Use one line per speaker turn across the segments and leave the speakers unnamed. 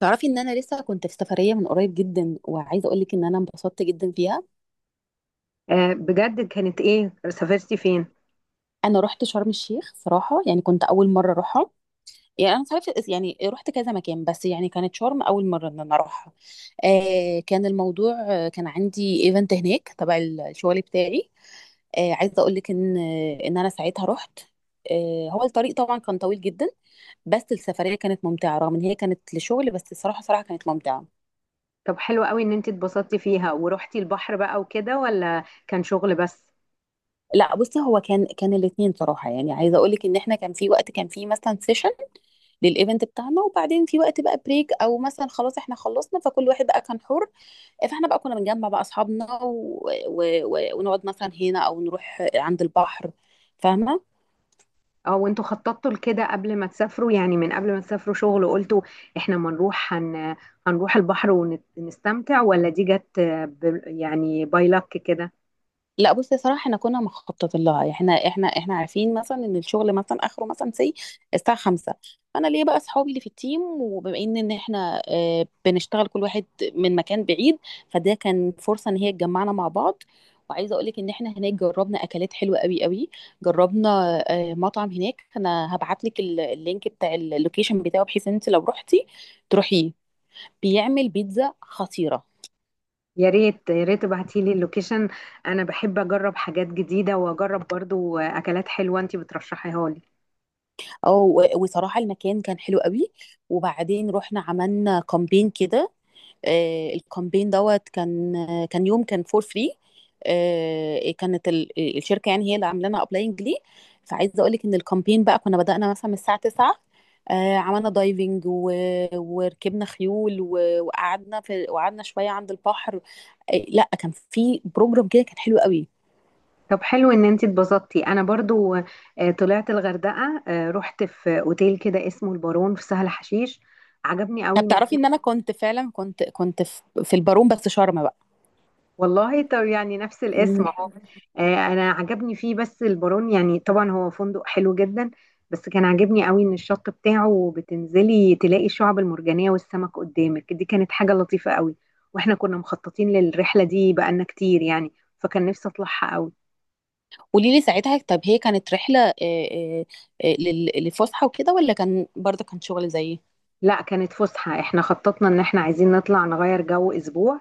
تعرفي ان انا لسه كنت في سفريه من قريب جدا، وعايزه اقول لك ان انا انبسطت جدا فيها.
بجد؟ كانت ايه؟ سافرتي فين؟
انا رحت شرم الشيخ صراحه، يعني كنت اول مره اروحها. يعني انا عارفه، يعني رحت كذا مكان، بس يعني كانت شرم اول مره ان انا اروحها. كان الموضوع، كان عندي ايفنت هناك تبع الشغل بتاعي. عايزه اقول لك ان ان انا ساعتها رحت. هو الطريق طبعا كان طويل جدا، بس السفريه كانت ممتعه رغم ان هي كانت لشغل، بس الصراحه صراحه كانت ممتعه.
طب حلو قوي ان انت اتبسطتي فيها ورحتي البحر بقى وكده، ولا كان شغل بس؟
لا، بصي، هو كان الاثنين صراحه، يعني عايزه اقول لك ان احنا كان في وقت كان في مثلا سيشن للايفنت بتاعنا، وبعدين في وقت بقى بريك، او مثلا خلاص احنا خلصنا فكل واحد بقى كان حر. فاحنا بقى كنا بنجمع بقى اصحابنا ونقعد مثلا هنا او نروح عند البحر، فاهمه؟
او انتوا خططتوا لكده قبل ما تسافروا؟ يعني من قبل ما تسافروا شغل وقلتوا احنا ما نروح هن... هنروح البحر ونستمتع، ولا دي جت يعني باي لك كده؟
لا، بصي، صراحة احنا كنا مخططين لها، يعني احنا عارفين مثلا ان الشغل مثلا اخره مثلا سي الساعة 5. فانا ليا بقى اصحابي اللي في التيم، وبما ان احنا، بنشتغل كل واحد من مكان بعيد، فده كان فرصة ان هي تجمعنا مع بعض. وعايزة اقول لك ان احنا هناك جربنا اكلات حلوة قوي قوي. جربنا مطعم هناك، انا هبعت لك اللينك بتاع اللوكيشن بتاعه، بحيث ان انت لو رحتي تروحيه، بيعمل بيتزا خطيرة.
يا ريت يا ريت ابعتي لي اللوكيشن. انا بحب اجرب حاجات جديدة، واجرب برضو اكلات حلوة انت بترشحيها لي.
اه، وصراحة المكان كان حلو قوي. وبعدين رحنا عملنا كامبين كده، الكامبين دوت كان، كان يوم كان فور فري. كانت الشركة، يعني هي اللي عاملانا لنا ابلاينج ليه. فعايزة اقول لك ان الكامبين بقى كنا بدأنا مثلا من الساعة 9، عملنا دايفنج وركبنا خيول وقعدنا في وقعدنا شوية عند البحر. لا، كان في بروجرام كده كان حلو قوي.
طب حلو ان انت اتبسطتي. انا برضو طلعت الغردقه، رحت في اوتيل كده اسمه البارون في سهل حشيش. عجبني قوي
طب
ان
تعرفي
احنا
ان انا كنت فعلا كنت في البارون، بس شرم
والله. طب يعني نفس الاسم اهو.
بقى.
انا عجبني فيه، بس البارون يعني طبعا هو فندق حلو جدا. بس كان عاجبني قوي ان الشط بتاعه بتنزلي تلاقي الشعب المرجانيه والسمك قدامك، دي كانت حاجه لطيفه قوي. واحنا كنا مخططين للرحله دي بقالنا كتير يعني، فكان نفسي اطلعها قوي.
قولي لي، ساعتها طب هي كانت رحلة، آه، لفسحة وكده، ولا كان برضه كان شغل زيي؟
لا كانت فسحة، احنا خططنا ان احنا عايزين نطلع نغير جو اسبوع،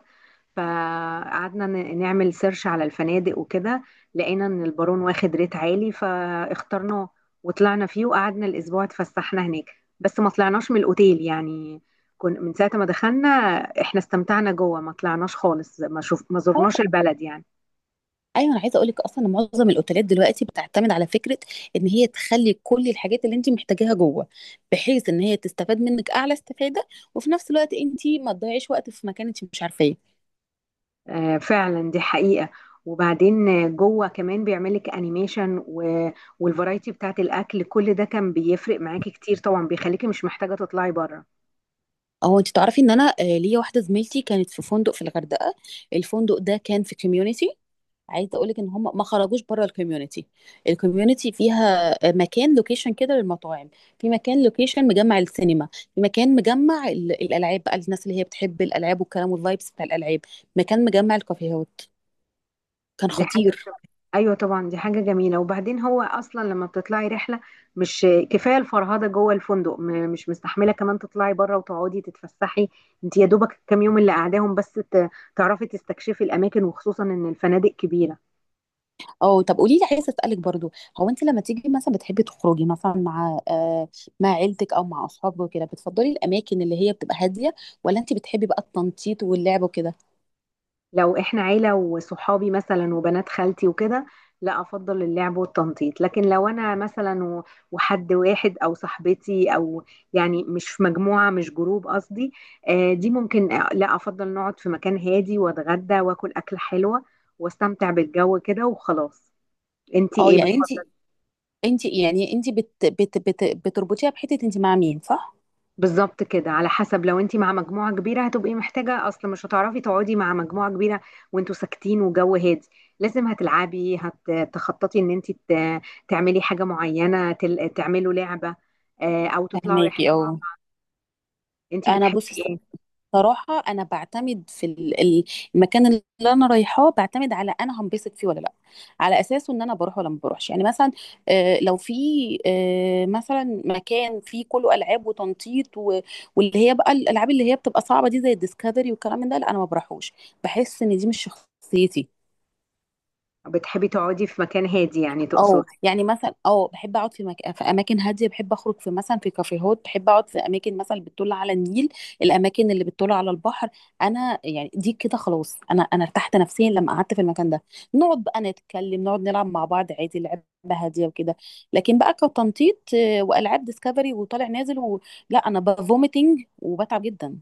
فقعدنا نعمل سيرش على الفنادق وكده. لقينا ان البارون واخد ريت عالي فاخترناه، وطلعنا فيه وقعدنا الاسبوع اتفسحنا هناك. بس ما طلعناش من الاوتيل يعني، كن من ساعة ما دخلنا احنا استمتعنا جوه. ما طلعناش خالص، ما زرناش
آه،
البلد يعني.
ايوه، انا عايزه اقول لك اصلا إن معظم الاوتيلات دلوقتي بتعتمد على فكره ان هي تخلي كل الحاجات اللي انت محتاجاها جوه، بحيث ان هي تستفاد منك اعلى استفاده، وفي نفس الوقت انت ما تضيعيش وقت في مكان انت مش عارفاه.
فعلا دي حقيقة. وبعدين جوه كمان بيعملك انيميشن والفرايتي بتاعت الاكل، كل ده كان بيفرق معاكي كتير طبعا، بيخليكي مش محتاجة تطلعي بره.
او انت تعرفي ان انا، ليا واحده زميلتي كانت في فندق في الغردقه، الفندق ده كان في كوميونيتي. عايزه اقول لك ان هم ما خرجوش بره الكوميونتي. الكوميونتي فيها مكان لوكيشن كده للمطاعم، في مكان لوكيشن مجمع السينما، في مكان مجمع الالعاب بقى، الناس اللي هي بتحب الالعاب والكلام والفايبس بتاع الالعاب، مكان مجمع الكافيهات، كان
دي حاجة
خطير.
بتبقى- ايوه طبعا، دي حاجة جميلة. وبعدين هو اصلا لما بتطلعي رحلة، مش كفاية الفرهدة جوه الفندق؟ مش مستحملة كمان تطلعي بره وتقعدي تتفسحي. انت يا دوبك الكام يوم اللي قاعداهم بس تعرفي تستكشفي الاماكن، وخصوصا ان الفنادق كبيرة.
اه، طب قولي لي، عايزه اسالك برضو، هو انت لما تيجي مثلا بتحبي تخرجي مثلا مع مع عيلتك او مع اصحابك وكده، بتفضلي الاماكن اللي هي بتبقى هاديه، ولا انت بتحبي بقى التنطيط واللعب وكده؟
لو احنا عيلة وصحابي مثلا وبنات خالتي وكده، لا افضل اللعب والتنطيط. لكن لو انا مثلا وحد واحد او صاحبتي، او يعني مش في مجموعة، مش جروب قصدي، دي ممكن، لا افضل نقعد في مكان هادي واتغدى واكل اكلة حلوة واستمتع بالجو كده وخلاص. انتي
اه،
ايه؟
يعني انت يعني انت بت بت بت بتربطيها بحته انت مع مين، صح؟
بالظبط كده، على حسب. لو انت مع مجموعة كبيرة هتبقي محتاجة، اصل مش هتعرفي تقعدي مع مجموعة كبيرة وانتوا ساكتين وجو هادي، لازم هتلعبي، هتخططي ان انت تعملي حاجة معينة، تعملوا لعبة او تطلعوا رحلة
فهماكي
مع
اه.
بعض. انت
انا
بتحبي
بص،
ايه؟
صراحه انا بعتمد في المكان اللي انا رايحاه، بعتمد على انا هنبسط فيه ولا لا، على اساسه ان انا بروح ولا ما بروحش. يعني مثلا لو في مثلا مكان فيه كله العاب وتنطيط واللي هي بقى الالعاب اللي هي بتبقى صعبه دي زي الديسكفري والكلام من ده، لا انا ما بروحوش، بحس ان دي مش شخصيتي.
بتحبي تقعدي في مكان هادي يعني
اه
تقصدي؟
يعني مثلا، اه بحب اقعد في اماكن هاديه، بحب اخرج في مثلا في كافيهات، بحب اقعد في اماكن مثلا اللي بتطل على النيل، الاماكن اللي بتطل على البحر. انا يعني دي كده خلاص، انا ارتحت نفسيا لما قعدت في المكان ده، نقعد بقى نتكلم، نقعد نلعب مع بعض عادي لعبه هاديه وكده. لكن بقى كتنطيط والعاب ديسكفري وطالع نازل لا انا بفوميتنج وبتعب جدا.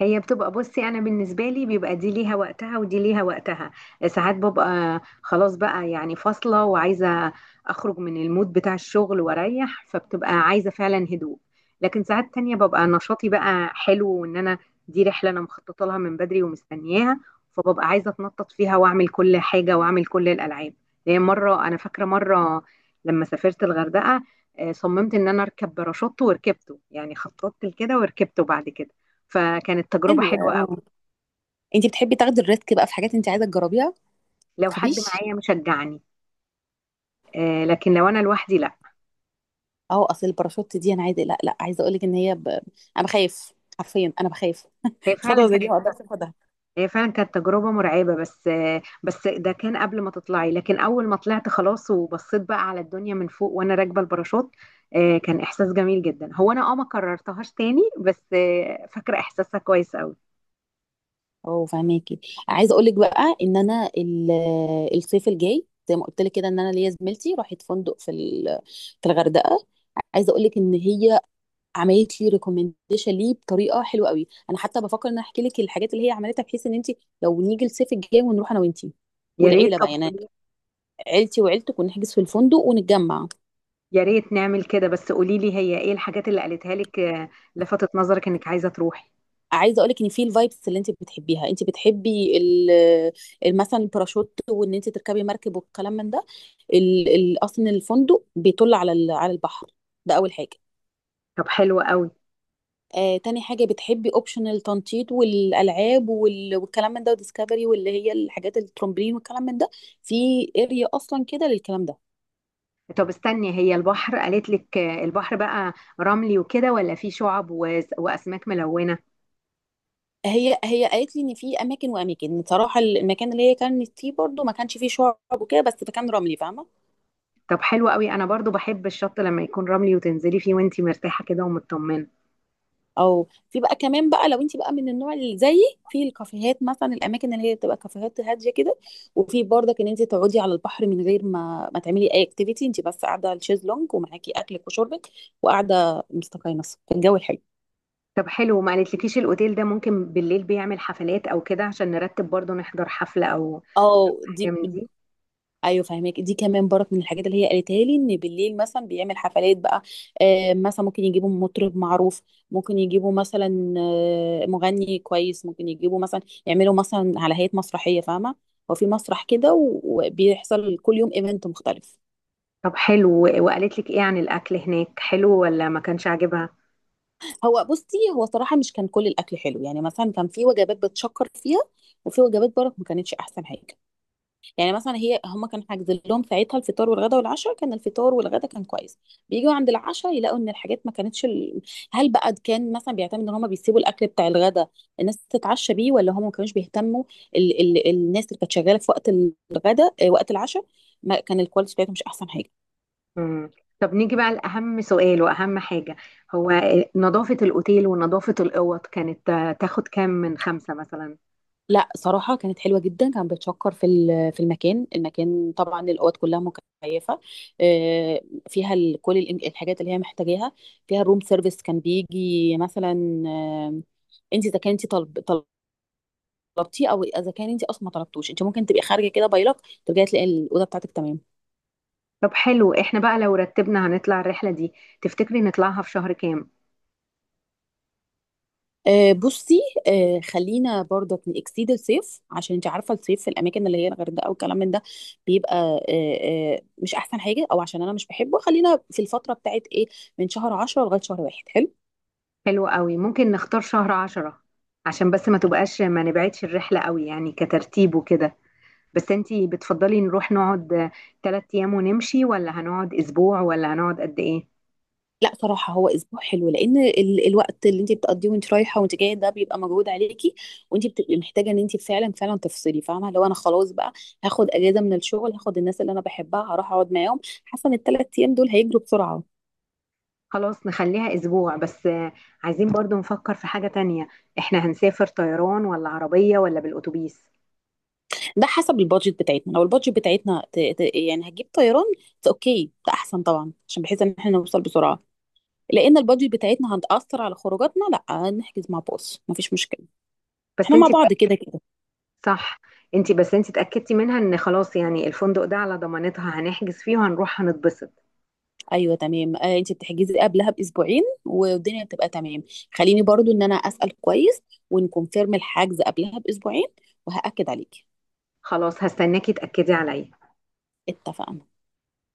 هي بتبقى، بصي انا بالنسبه لي بيبقى دي ليها وقتها ودي ليها وقتها. ساعات ببقى خلاص بقى يعني فاصله، وعايزه اخرج من المود بتاع الشغل واريح، فبتبقى عايزه فعلا هدوء. لكن ساعات تانية ببقى نشاطي بقى حلو، وان انا دي رحله انا مخططه لها من بدري ومستنياها، فببقى عايزه اتنطط فيها واعمل كل حاجه واعمل كل الالعاب. يعني مره، انا فاكره مره لما سافرت الغردقه، صممت ان انا اركب باراشوت وركبته. يعني خططت لكده وركبته بعد كده، فكانت تجربة
حلو،
حلوة قوي.
اه. انت بتحبي تاخدي الريسك بقى في حاجات انت عايزه تجربيها،
لو حد
تخافيش.
معايا مشجعني، لكن لو أنا لوحدي لا.
اه، اصل الباراشوت دي، انا عايزه، لا، لا، عايزه اقول لك ان انا بخاف، حرفيا انا بخاف،
هي
خطوه
فعلا
زي دي
كانت
ما اقدرش اخدها.
هي فعلا كانت تجربة مرعبة، بس ده كان قبل ما تطلعي. لكن أول ما طلعت خلاص وبصيت بقى على الدنيا من فوق وأنا راكبة الباراشوت، كان إحساس جميل جدا. هو أنا ما كررتهاش تاني، بس فاكرة إحساسها كويس قوي.
اه، فهماكي. عايزه اقول لك بقى ان انا الصيف الجاي، زي ما قلت لك كده، ان انا ليا زميلتي راحت فندق في في الغردقه. عايزه اقول لك ان هي عملت لي ريكومنديشن ليه بطريقه حلوه قوي، انا حتى بفكر ان أنا احكي لك الحاجات اللي هي عملتها، بحيث ان انت لو نيجي الصيف الجاي ونروح انا وانتي
يا ريت،
والعيله
طب
بقى، يعني
قولي.
عيلتي وعيلتك، ونحجز في الفندق ونتجمع.
يا ريت نعمل كده، بس قولي لي هي ايه الحاجات اللي قالتها لك لفتت نظرك انك عايزة تروحي.
عايزه اقولك ان في الفايبس اللي انت بتحبيها، انت بتحبي مثلا الباراشوت وان انت تركبي مركب والكلام من ده، اصلا الفندق بيطل على على البحر، ده اول حاجه.
طب حلو قوي.
آه، تاني حاجه بتحبي اوبشن التنطيط والالعاب والكلام من ده وديسكفري، واللي هي الحاجات الترمبلين والكلام من ده، في اريا اصلا كده للكلام ده.
طب استني، هي البحر قالت لك البحر بقى رملي وكده، ولا فيه شعب واسماك ملونة؟
هي قالت لي ان في اماكن واماكن، بصراحه المكان اللي هي كانت فيه برضو ما كانش فيه شعب وكده بس كان رملي، فاهمه.
طب حلو قوي، انا برضو بحب الشط لما يكون رملي وتنزلي فيه وانتي مرتاحة كده ومطمنة.
او في بقى كمان بقى لو انت بقى من النوع اللي زيي، في الكافيهات مثلا، الاماكن اللي هي بتبقى كافيهات هاديه كده، وفي برضك ان انت تقعدي على البحر من غير ما تعملي اي اكتيفيتي، انت بس قاعده على الشيزلونج ومعاكي اكلك وشربك، وقاعده مستقيمه في الجو الحلو.
طب حلو، ما قالتلكيش الاوتيل ده ممكن بالليل بيعمل حفلات او كده؟ عشان نرتب برضو نحضر حفلة او
اه،
حاجة
دي،
من دي.
ايوه فاهمك، دي كمان برك من الحاجات اللي هي قالتها لي، ان بالليل مثلا بيعمل حفلات بقى، مثلا ممكن يجيبوا مطرب معروف، ممكن يجيبوا مثلا مغني كويس، ممكن يجيبوا مثلا يعملوا مثلا على هيئة مسرحية، فاهمة؟ هو في مسرح كده، وبيحصل كل يوم ايفنت مختلف.
طب حلو، وقالت لك ايه عن الاكل هناك، حلو ولا ما كانش عاجبها؟
هو بصي، هو صراحة مش كان كل الاكل حلو، يعني مثلا كان في وجبات بتشكر فيها، وفي وجبات برك ما كانتش احسن حاجة. يعني مثلا هي، هم كانوا حاجزين لهم ساعتها الفطار والغدا والعشاء، كان الفطار والغدا كان كويس، بيجوا عند العشاء يلاقوا ان الحاجات ما كانتش هل بقى كان مثلا بيعتمد ان هم بيسيبوا الاكل بتاع الغدا الناس تتعشى بيه، ولا هم ما كانوش بيهتموا، الناس اللي كانت شغاله في وقت الغدا، وقت العشاء، ما كان الكواليتي بتاعتهم مش احسن حاجه.
مم. طب نيجي بقى لأهم سؤال وأهم حاجة. هو نظافة الأوتيل ونظافة الأوض كانت تاخد كام من خمسة مثلا؟
لا، صراحة كانت حلوة جدا، كان بتشكر في في المكان، المكان طبعا الأوض كلها مكيفة، آه، فيها كل الحاجات اللي هي محتاجاها، فيها الروم سيرفيس كان بيجي مثلا، انت اذا كنت طلب طلبتيه، او اذا كان انت اصلا ما طلبتوش، انت ممكن تبقي خارجة كده بايلك، ترجعي تلاقي الأوضة بتاعتك تمام.
طب حلو، احنا بقى لو رتبنا هنطلع الرحلة دي، تفتكري نطلعها في شهر كام؟
بصي، خلينا برضك نكسيد الصيف، عشان انت عارفه الصيف في الاماكن اللي هي الغردقه والكلام من ده بيبقى مش احسن حاجه، او عشان انا مش بحبه، خلينا في الفتره بتاعت ايه، من شهر 10 لغايه شهر 1، حلو.
حلو قوي، ممكن نختار شهر 10، عشان بس ما تبقاش، ما نبعدش الرحلة قوي يعني كترتيب وكده. بس انتي بتفضلي نروح نقعد 3 ايام ونمشي، ولا هنقعد اسبوع، ولا هنقعد قد ايه؟
لا، صراحه هو اسبوع حلو، لان الوقت اللي انت بتقضيه وانت رايحه وانت جايه ده بيبقى مجهود عليكي، وانت بتبقي محتاجه ان انت فعلا تفصلي، فاهمه، لو انا خلاص بقى هاخد اجازه من الشغل، هاخد الناس اللي انا بحبها هروح اقعد معاهم، حاسه ان ال3 ايام دول هيجروا بسرعه.
خلاص نخليها اسبوع. بس عايزين برضو نفكر في حاجة تانية، احنا هنسافر طيران ولا عربية ولا بالاتوبيس؟
ده حسب البادجت بتاعتنا، لو البادجت بتاعتنا يعني هتجيب طيران، اوكي ده احسن طبعا، عشان بحيث ان احنا نوصل بسرعه، لان البادجت بتاعتنا هتاثر على خروجاتنا، لا نحجز مع باص مفيش مشكله،
بس
احنا مع
انتي،
بعض كده كده.
صح. انت، بس انت اتأكدتي منها ان خلاص يعني الفندق ده على ضمانتها، هنحجز فيه وهنروح هنتبسط؟
ايوه تمام، آه انت بتحجزي قبلها باسبوعين والدنيا بتبقى تمام، خليني برضو ان انا اسال كويس ونكونفيرم الحجز قبلها باسبوعين وهاكد عليكي،
خلاص هستناكي تأكدي عليا.
اتفقنا.